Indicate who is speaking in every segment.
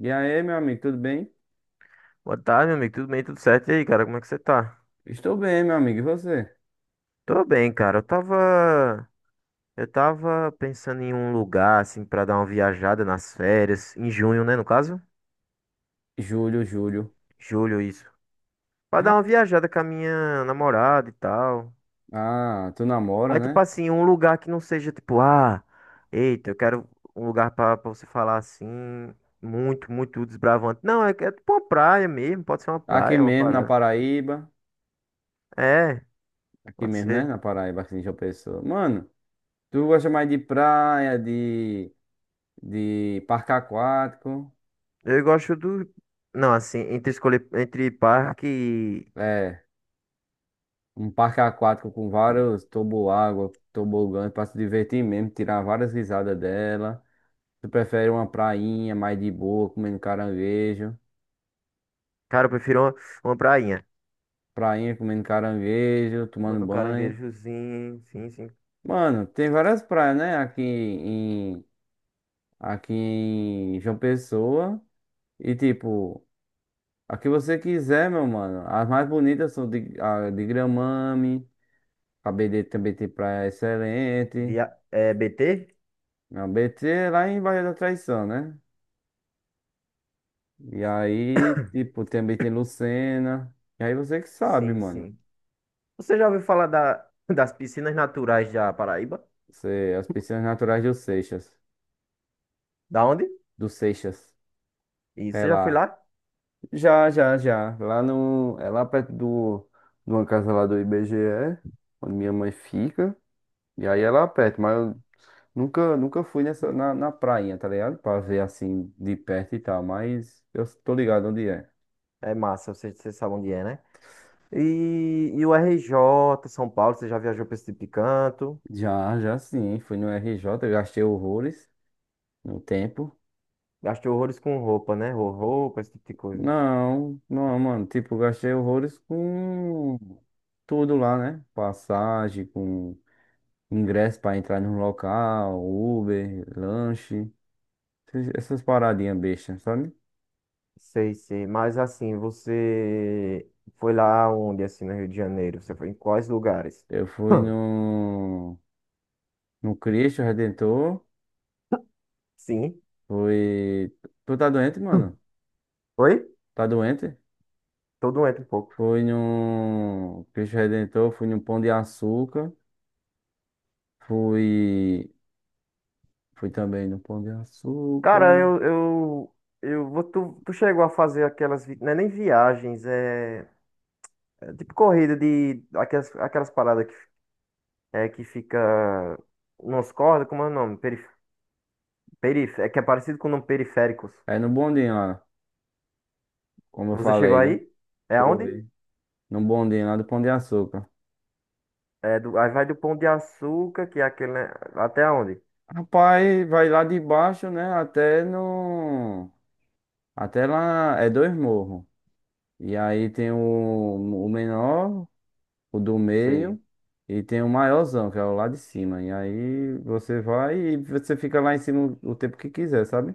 Speaker 1: E aí, meu amigo, tudo bem?
Speaker 2: Boa tarde, meu amigo. Tudo bem? Tudo certo? E aí, cara, como é que você tá?
Speaker 1: Estou bem, meu amigo. E você?
Speaker 2: Tô bem, cara. Eu tava pensando em um lugar, assim, pra dar uma viajada nas férias. Em junho, né? No caso?
Speaker 1: Júlio, Júlio.
Speaker 2: Julho, isso. Pra dar
Speaker 1: Ra-
Speaker 2: uma viajada com a minha namorada e tal.
Speaker 1: Ah, tu namora,
Speaker 2: Aí, tipo
Speaker 1: né?
Speaker 2: assim, um lugar que não seja tipo, eita, eu quero um lugar pra você falar assim, muito, muito desbravante. Não, é tipo uma praia mesmo. Pode ser uma
Speaker 1: Aqui
Speaker 2: praia, uma
Speaker 1: mesmo, na
Speaker 2: parada.
Speaker 1: Paraíba.
Speaker 2: É,
Speaker 1: Aqui
Speaker 2: pode
Speaker 1: mesmo, né?
Speaker 2: ser.
Speaker 1: Na Paraíba, aqui em João Pessoa. Mano, tu gosta mais de praia, de parque aquático?
Speaker 2: Eu gosto do. Não, assim, entre escolher entre parque e.
Speaker 1: É, um parque aquático com vários toboágua, tobogãs pra se divertir mesmo, tirar várias risadas dela. Tu prefere uma prainha mais de boa, comendo caranguejo?
Speaker 2: Cara, eu prefiro uma prainha.
Speaker 1: Prainha comendo caranguejo, tomando
Speaker 2: Mano, um
Speaker 1: banho.
Speaker 2: caranguejozinho, sim, sim.
Speaker 1: Mano, tem várias praias, né? Aqui em João Pessoa. E tipo, a que você quiser, meu mano. As mais bonitas são de, a de Gramame. A BD também tem praia excelente.
Speaker 2: Via... É, BT?
Speaker 1: A BT é lá em Barra da Traição, né? E aí, tipo, também tem Lucena. E aí você que sabe,
Speaker 2: Sim,
Speaker 1: mano.
Speaker 2: sim. Você já ouviu falar da, das piscinas naturais da Paraíba?
Speaker 1: Você, as piscinas naturais do Seixas.
Speaker 2: Da onde?
Speaker 1: Do Seixas.
Speaker 2: E
Speaker 1: É
Speaker 2: você já foi
Speaker 1: lá.
Speaker 2: lá?
Speaker 1: Já, já, já. Lá no, é lá perto do, de uma casa lá do IBGE, onde minha mãe fica. E aí é lá perto, mas eu nunca fui nessa, na, na prainha, tá ligado? Pra ver assim de perto e tal, mas eu tô ligado onde é.
Speaker 2: É massa, você, você sabe onde é, né? E o RJ, São Paulo, você já viajou pra esse tipo de canto?
Speaker 1: Já, já sim, fui no RJ, eu gastei horrores no tempo.
Speaker 2: Gastou horrores com roupa, né? Ro- Roupa, esse tipo de coisa.
Speaker 1: Não, não, mano, tipo, eu gastei horrores com tudo lá, né? Passagem, com ingresso pra entrar no local, Uber, lanche. Essas paradinhas bestas, sabe?
Speaker 2: Sei, sei. Mas assim, você foi lá onde, assim, no Rio de Janeiro? Você foi em quais lugares?
Speaker 1: Eu fui
Speaker 2: Hum.
Speaker 1: no, no Cristo Redentor.
Speaker 2: Sim.
Speaker 1: Fui. Tu tá doente,
Speaker 2: Hum.
Speaker 1: mano?
Speaker 2: Oi?
Speaker 1: Tá doente?
Speaker 2: Tô doente um pouco.
Speaker 1: Fui no Cristo Redentor. Fui no Pão de Açúcar. Fui. Fui também no Pão de
Speaker 2: Cara,
Speaker 1: Açúcar.
Speaker 2: eu, eu, eu vou, tu, tu chegou a fazer aquelas, vi- não é nem viagens, é, é tipo corrida de, aquelas, aquelas paradas que, é, que fica nos cordas, como é o nome? Perif, perif, é que é parecido com o nome periféricos.
Speaker 1: É no bondinho lá, como eu
Speaker 2: Você chegou
Speaker 1: falei, né?
Speaker 2: aí? É aonde?
Speaker 1: Foi. No bondinho lá do Pão de Açúcar.
Speaker 2: É do, aí vai do Pão de Açúcar, que é aquele, né? Até aonde?
Speaker 1: Rapaz, vai lá de baixo, né? Até no. Até lá. É dois morros. E aí tem o menor, o do
Speaker 2: Sei.
Speaker 1: meio, e tem o maiorzão, que é o lá de cima. E aí você vai e você fica lá em cima o tempo que quiser, sabe?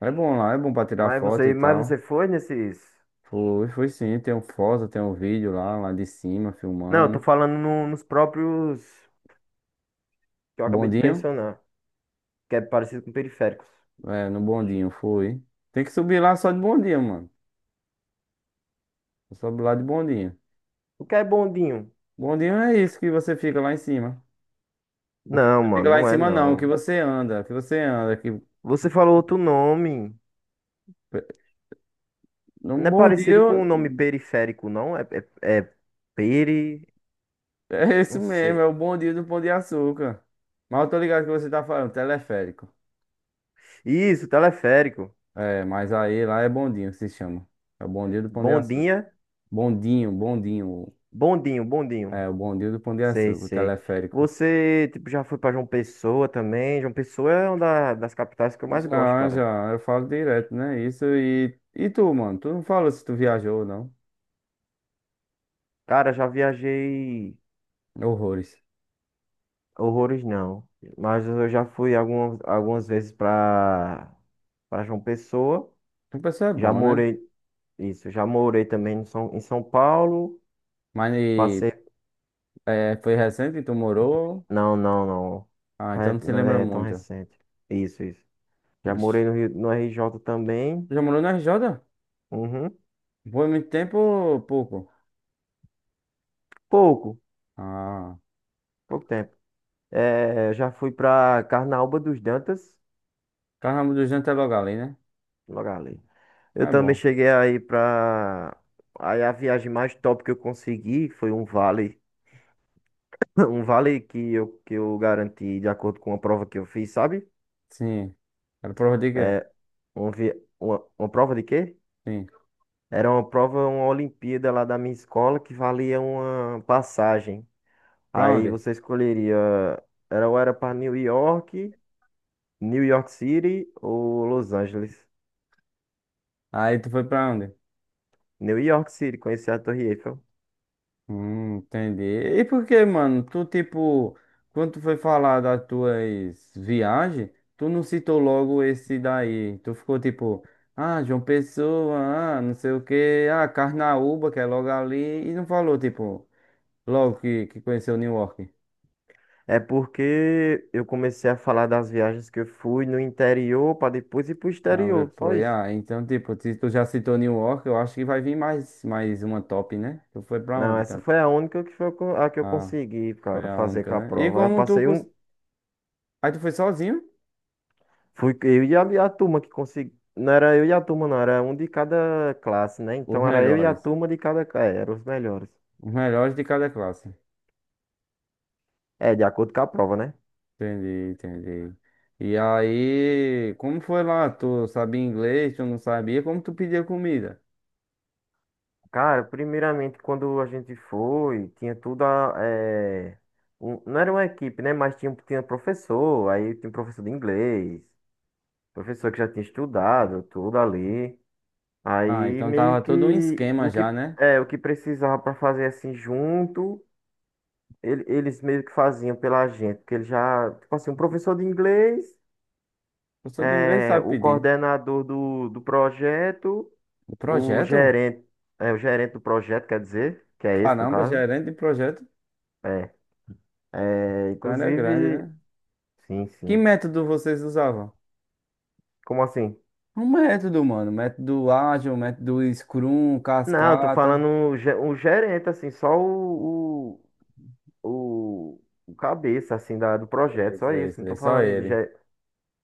Speaker 1: É bom lá, é bom pra tirar foto e
Speaker 2: Mas você
Speaker 1: tal.
Speaker 2: foi nesses.
Speaker 1: Foi, foi sim, tem um foto, tem um vídeo lá, lá de cima,
Speaker 2: Não, eu tô
Speaker 1: filmando.
Speaker 2: falando no- nos próprios que eu acabei de
Speaker 1: Bondinho?
Speaker 2: mencionar, que é parecido com periféricos.
Speaker 1: É, no bondinho, foi. Tem que subir lá só de bondinho, mano. Sobe lá de bondinho.
Speaker 2: O que é bondinho?
Speaker 1: Bondinho é isso que você fica lá em cima. O que
Speaker 2: Não,
Speaker 1: você fica
Speaker 2: mano,
Speaker 1: lá em
Speaker 2: não é
Speaker 1: cima não, o que
Speaker 2: não.
Speaker 1: você anda, que...
Speaker 2: Você falou outro nome.
Speaker 1: No
Speaker 2: Não é
Speaker 1: Bom Dia,
Speaker 2: parecido com o nome periférico, não? É, é, é peri.
Speaker 1: é esse
Speaker 2: Não
Speaker 1: mesmo, é
Speaker 2: sei.
Speaker 1: o Bom Dia do Pão de Açúcar. Mas eu tô ligado que você tá falando, teleférico.
Speaker 2: Isso, teleférico.
Speaker 1: É, mas aí lá é bondinho que se chama. É o Bom Dia do Pão de Açúcar.
Speaker 2: Bondinha.
Speaker 1: Bondinho, bondinho.
Speaker 2: Bondinho, bondinho.
Speaker 1: É, o Bom Dia do Pão de
Speaker 2: Sei,
Speaker 1: Açúcar, o
Speaker 2: sei.
Speaker 1: teleférico.
Speaker 2: Você, tipo, já foi pra João Pessoa também? João Pessoa é uma da- das capitais que eu mais gosto,
Speaker 1: Já,
Speaker 2: cara.
Speaker 1: já, eu falo direto, né? Isso e... E tu, mano? Tu não falou se tu viajou ou não.
Speaker 2: Cara, já viajei
Speaker 1: Horrores.
Speaker 2: horrores não, mas eu já fui algumas vezes para João Pessoa.
Speaker 1: Tu pessoa é
Speaker 2: Já
Speaker 1: bom, né?
Speaker 2: morei, isso, já morei também em São Paulo.
Speaker 1: Mas e,
Speaker 2: Passei,
Speaker 1: é, foi recente que tu morou?
Speaker 2: não.
Speaker 1: Ah, então
Speaker 2: Fa-
Speaker 1: não se
Speaker 2: Não
Speaker 1: lembra
Speaker 2: é tão
Speaker 1: muito.
Speaker 2: recente. Isso, isso. Já
Speaker 1: Ixi.
Speaker 2: morei no Rio, no RJ
Speaker 1: Tu
Speaker 2: também.
Speaker 1: já morou na RJ?
Speaker 2: Uhum.
Speaker 1: Foi muito tempo ou pouco?
Speaker 2: Pouco,
Speaker 1: Ah,
Speaker 2: pouco tempo. É, já fui para Carnaúba dos Dantas,
Speaker 1: Carnaval dos Anjos é logo ali, né?
Speaker 2: logo ali. Eu
Speaker 1: Mas é
Speaker 2: também
Speaker 1: bom.
Speaker 2: cheguei aí pra. Aí a viagem mais top que eu consegui foi um vale. Um vale que eu garanti de acordo com uma prova que eu fiz, sabe?
Speaker 1: Sim. Era prova de quê?
Speaker 2: É, um vi... uma prova de quê?
Speaker 1: Sim.
Speaker 2: Era uma prova, uma Olimpíada lá da minha escola que valia uma passagem.
Speaker 1: Pra
Speaker 2: Aí
Speaker 1: onde?
Speaker 2: você escolheria. Era ou era para New York, New York City ou Los Angeles?
Speaker 1: Aí tu foi pra onde?
Speaker 2: New York City, conheci a Torre Eiffel.
Speaker 1: Entendi. E por que, mano? Tu, tipo, quando tu foi falar das tuas viagens, tu não citou logo esse daí. Tu ficou tipo, ah, João Pessoa, ah, não sei o quê, ah, Carnaúba, que é logo ali, e não falou, tipo, logo que conheceu New York.
Speaker 2: É porque eu comecei a falar das viagens que eu fui no interior para depois ir pro
Speaker 1: Ah,
Speaker 2: exterior, só
Speaker 1: depois,
Speaker 2: isso.
Speaker 1: ah, então, tipo, se tu já citou New York, eu acho que vai vir mais, mais uma top, né? Tu foi pra
Speaker 2: Não,
Speaker 1: onde,
Speaker 2: essa
Speaker 1: tanto?
Speaker 2: foi a única que foi co- a que eu
Speaker 1: Ah,
Speaker 2: consegui,
Speaker 1: foi
Speaker 2: cara,
Speaker 1: a
Speaker 2: fazer
Speaker 1: única,
Speaker 2: com a
Speaker 1: né? E
Speaker 2: prova. Eu
Speaker 1: como tu...
Speaker 2: passei um,
Speaker 1: Aí tu foi sozinho?
Speaker 2: fui eu e a turma que consegui. Não era eu e a turma, não, era um de cada classe, né?
Speaker 1: Os
Speaker 2: Então era eu e a
Speaker 1: melhores.
Speaker 2: turma de cada classe, eram os melhores.
Speaker 1: Os melhores de cada classe.
Speaker 2: É, de acordo com a prova, né?
Speaker 1: Entendi, entendi. E aí, como foi lá? Tu sabia inglês, tu não sabia? Como tu pedia comida?
Speaker 2: Cara, primeiramente, quando a gente foi, tinha tudo a, um- não era uma equipe, né? Mas tinha, tinha professor, aí tinha professor de inglês. Professor que já tinha estudado tudo ali.
Speaker 1: Ah,
Speaker 2: Aí
Speaker 1: então
Speaker 2: meio
Speaker 1: tava todo um
Speaker 2: que
Speaker 1: esquema
Speaker 2: o
Speaker 1: já,
Speaker 2: que
Speaker 1: né?
Speaker 2: é o que precisava para fazer assim junto, ele- eles meio que faziam pela gente, porque ele já, tipo assim, um professor de inglês,
Speaker 1: Eu sou de inglês,
Speaker 2: é,
Speaker 1: sabe
Speaker 2: o
Speaker 1: pedir.
Speaker 2: coordenador do projeto,
Speaker 1: O
Speaker 2: o
Speaker 1: projeto?
Speaker 2: gerente, é, o gerente do projeto, quer dizer, que é esse no
Speaker 1: Caramba,
Speaker 2: caso.
Speaker 1: gerente de projeto.
Speaker 2: É, é,
Speaker 1: Então era grande,
Speaker 2: inclusive,
Speaker 1: né?
Speaker 2: sim,
Speaker 1: Que
Speaker 2: sim.
Speaker 1: método vocês usavam?
Speaker 2: Como assim?
Speaker 1: Um método, mano. Método ágil, método Scrum,
Speaker 2: Não, eu tô
Speaker 1: cascata.
Speaker 2: falando o ge- o gerente, assim, só o, o, o cabeça, assim, da, do
Speaker 1: É
Speaker 2: projeto,
Speaker 1: isso,
Speaker 2: só
Speaker 1: é
Speaker 2: isso.
Speaker 1: isso,
Speaker 2: Não
Speaker 1: é
Speaker 2: tô
Speaker 1: só
Speaker 2: falando de...
Speaker 1: ele.
Speaker 2: ge-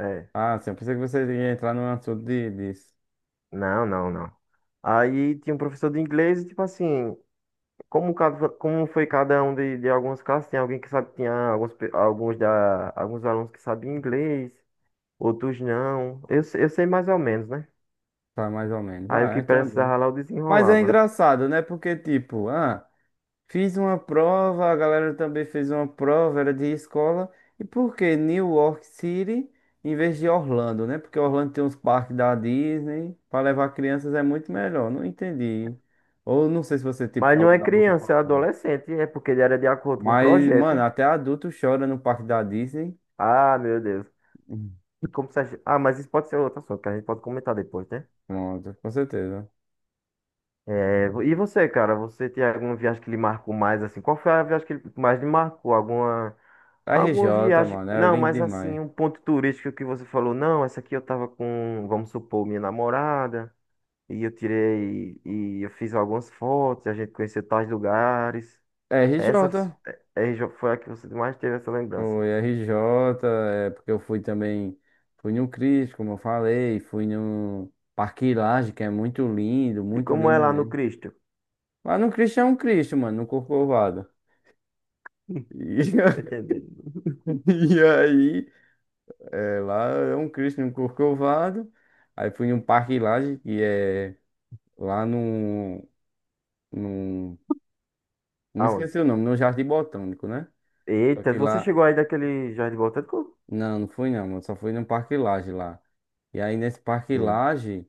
Speaker 2: É,
Speaker 1: Ah, sim, eu pensei que você ia entrar no assunto de, disso.
Speaker 2: não. Aí tinha um professor de inglês e, tipo assim, como, cada, como foi cada um de algumas classes, tinha alguém que sabe, tinha alguns, pe- alguns, da, alguns alunos que sabiam inglês, outros não. Eu, se- eu sei mais ou menos, né?
Speaker 1: Tá mais ou menos.
Speaker 2: Aí o
Speaker 1: Ah,
Speaker 2: que
Speaker 1: então é bom.
Speaker 2: precisava lá eu
Speaker 1: Mas é
Speaker 2: desenrolava.
Speaker 1: engraçado, né? Porque, tipo, ah, fiz uma prova, a galera também fez uma prova, era de escola. E por que New York City em vez de Orlando, né? Porque Orlando tem uns parques da Disney. Pra levar crianças é muito melhor. Não entendi. Ou não sei se você, tipo,
Speaker 2: Mas não
Speaker 1: falou
Speaker 2: é
Speaker 1: da boca
Speaker 2: criança,
Speaker 1: pra
Speaker 2: é
Speaker 1: fora.
Speaker 2: adolescente, é porque ele era de acordo com o
Speaker 1: Mas, mano,
Speaker 2: projeto.
Speaker 1: até adulto chora no parque da Disney.
Speaker 2: Ah, meu Deus.
Speaker 1: Hum,
Speaker 2: Como se a, gen- ah, mas isso pode ser outro assunto, que a gente pode comentar depois, né?
Speaker 1: Pronto, com certeza.
Speaker 2: É, e você, cara, você tem alguma viagem que lhe marcou mais assim? Qual foi a viagem que lhe mais lhe marcou? Alguma, alguma
Speaker 1: RJ,
Speaker 2: viagem?
Speaker 1: mano, é
Speaker 2: Não,
Speaker 1: lindo
Speaker 2: mas assim,
Speaker 1: demais.
Speaker 2: um ponto turístico que você falou, não, essa aqui eu tava com, vamos supor, minha namorada, e eu tirei, e eu fiz algumas fotos, e a gente conheceu tais lugares. Essa f-
Speaker 1: RJ,
Speaker 2: é, é, já foi a que você mais teve essa lembrança.
Speaker 1: foi RJ, é porque eu fui também, fui no Cristo, como eu falei, fui no Parque Lage, que é
Speaker 2: E
Speaker 1: muito
Speaker 2: como é
Speaker 1: lindo
Speaker 2: lá no
Speaker 1: mesmo.
Speaker 2: Cristo?
Speaker 1: Lá no Cristo é um Cristo, mano, no Corcovado.
Speaker 2: Tô
Speaker 1: E,
Speaker 2: entendendo.
Speaker 1: e aí, é, lá é um Cristo no Corcovado. Aí fui no Parque Lage, que é lá no, me
Speaker 2: Aonde?
Speaker 1: esqueci o nome, no Jardim Botânico, né? Só
Speaker 2: Eita,
Speaker 1: que
Speaker 2: você
Speaker 1: lá.
Speaker 2: chegou aí daquele Jardim Botânico?
Speaker 1: Não, não fui não, mano. Só fui no Parque Lage lá. E aí nesse Parque Lage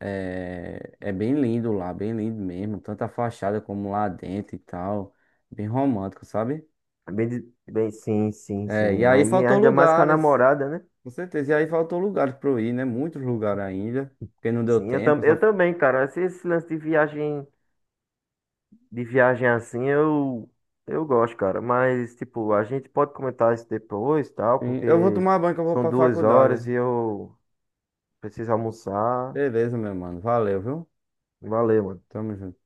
Speaker 1: é, é bem lindo lá, bem lindo mesmo. Tanto a fachada como lá dentro e tal. Bem romântico, sabe?
Speaker 2: É bem, de- bem, sim, sim,
Speaker 1: É, e
Speaker 2: sim.
Speaker 1: aí
Speaker 2: Aí
Speaker 1: faltou
Speaker 2: ainda mais com a
Speaker 1: lugares,
Speaker 2: namorada, né?
Speaker 1: com certeza. E aí faltou lugares pra eu ir, né? Muitos lugares ainda, porque não deu
Speaker 2: Sim, eu,
Speaker 1: tempo.
Speaker 2: tam, eu
Speaker 1: Só...
Speaker 2: também, cara. Esse lance de viagem assim, eu gosto, cara. Mas, tipo, a gente pode comentar isso depois, tal,
Speaker 1: Sim, eu vou
Speaker 2: porque
Speaker 1: tomar banho que eu vou
Speaker 2: são
Speaker 1: pra
Speaker 2: duas
Speaker 1: faculdade.
Speaker 2: horas e eu preciso almoçar.
Speaker 1: Beleza, meu mano. Valeu, viu?
Speaker 2: Valeu, mano.
Speaker 1: Tamo junto.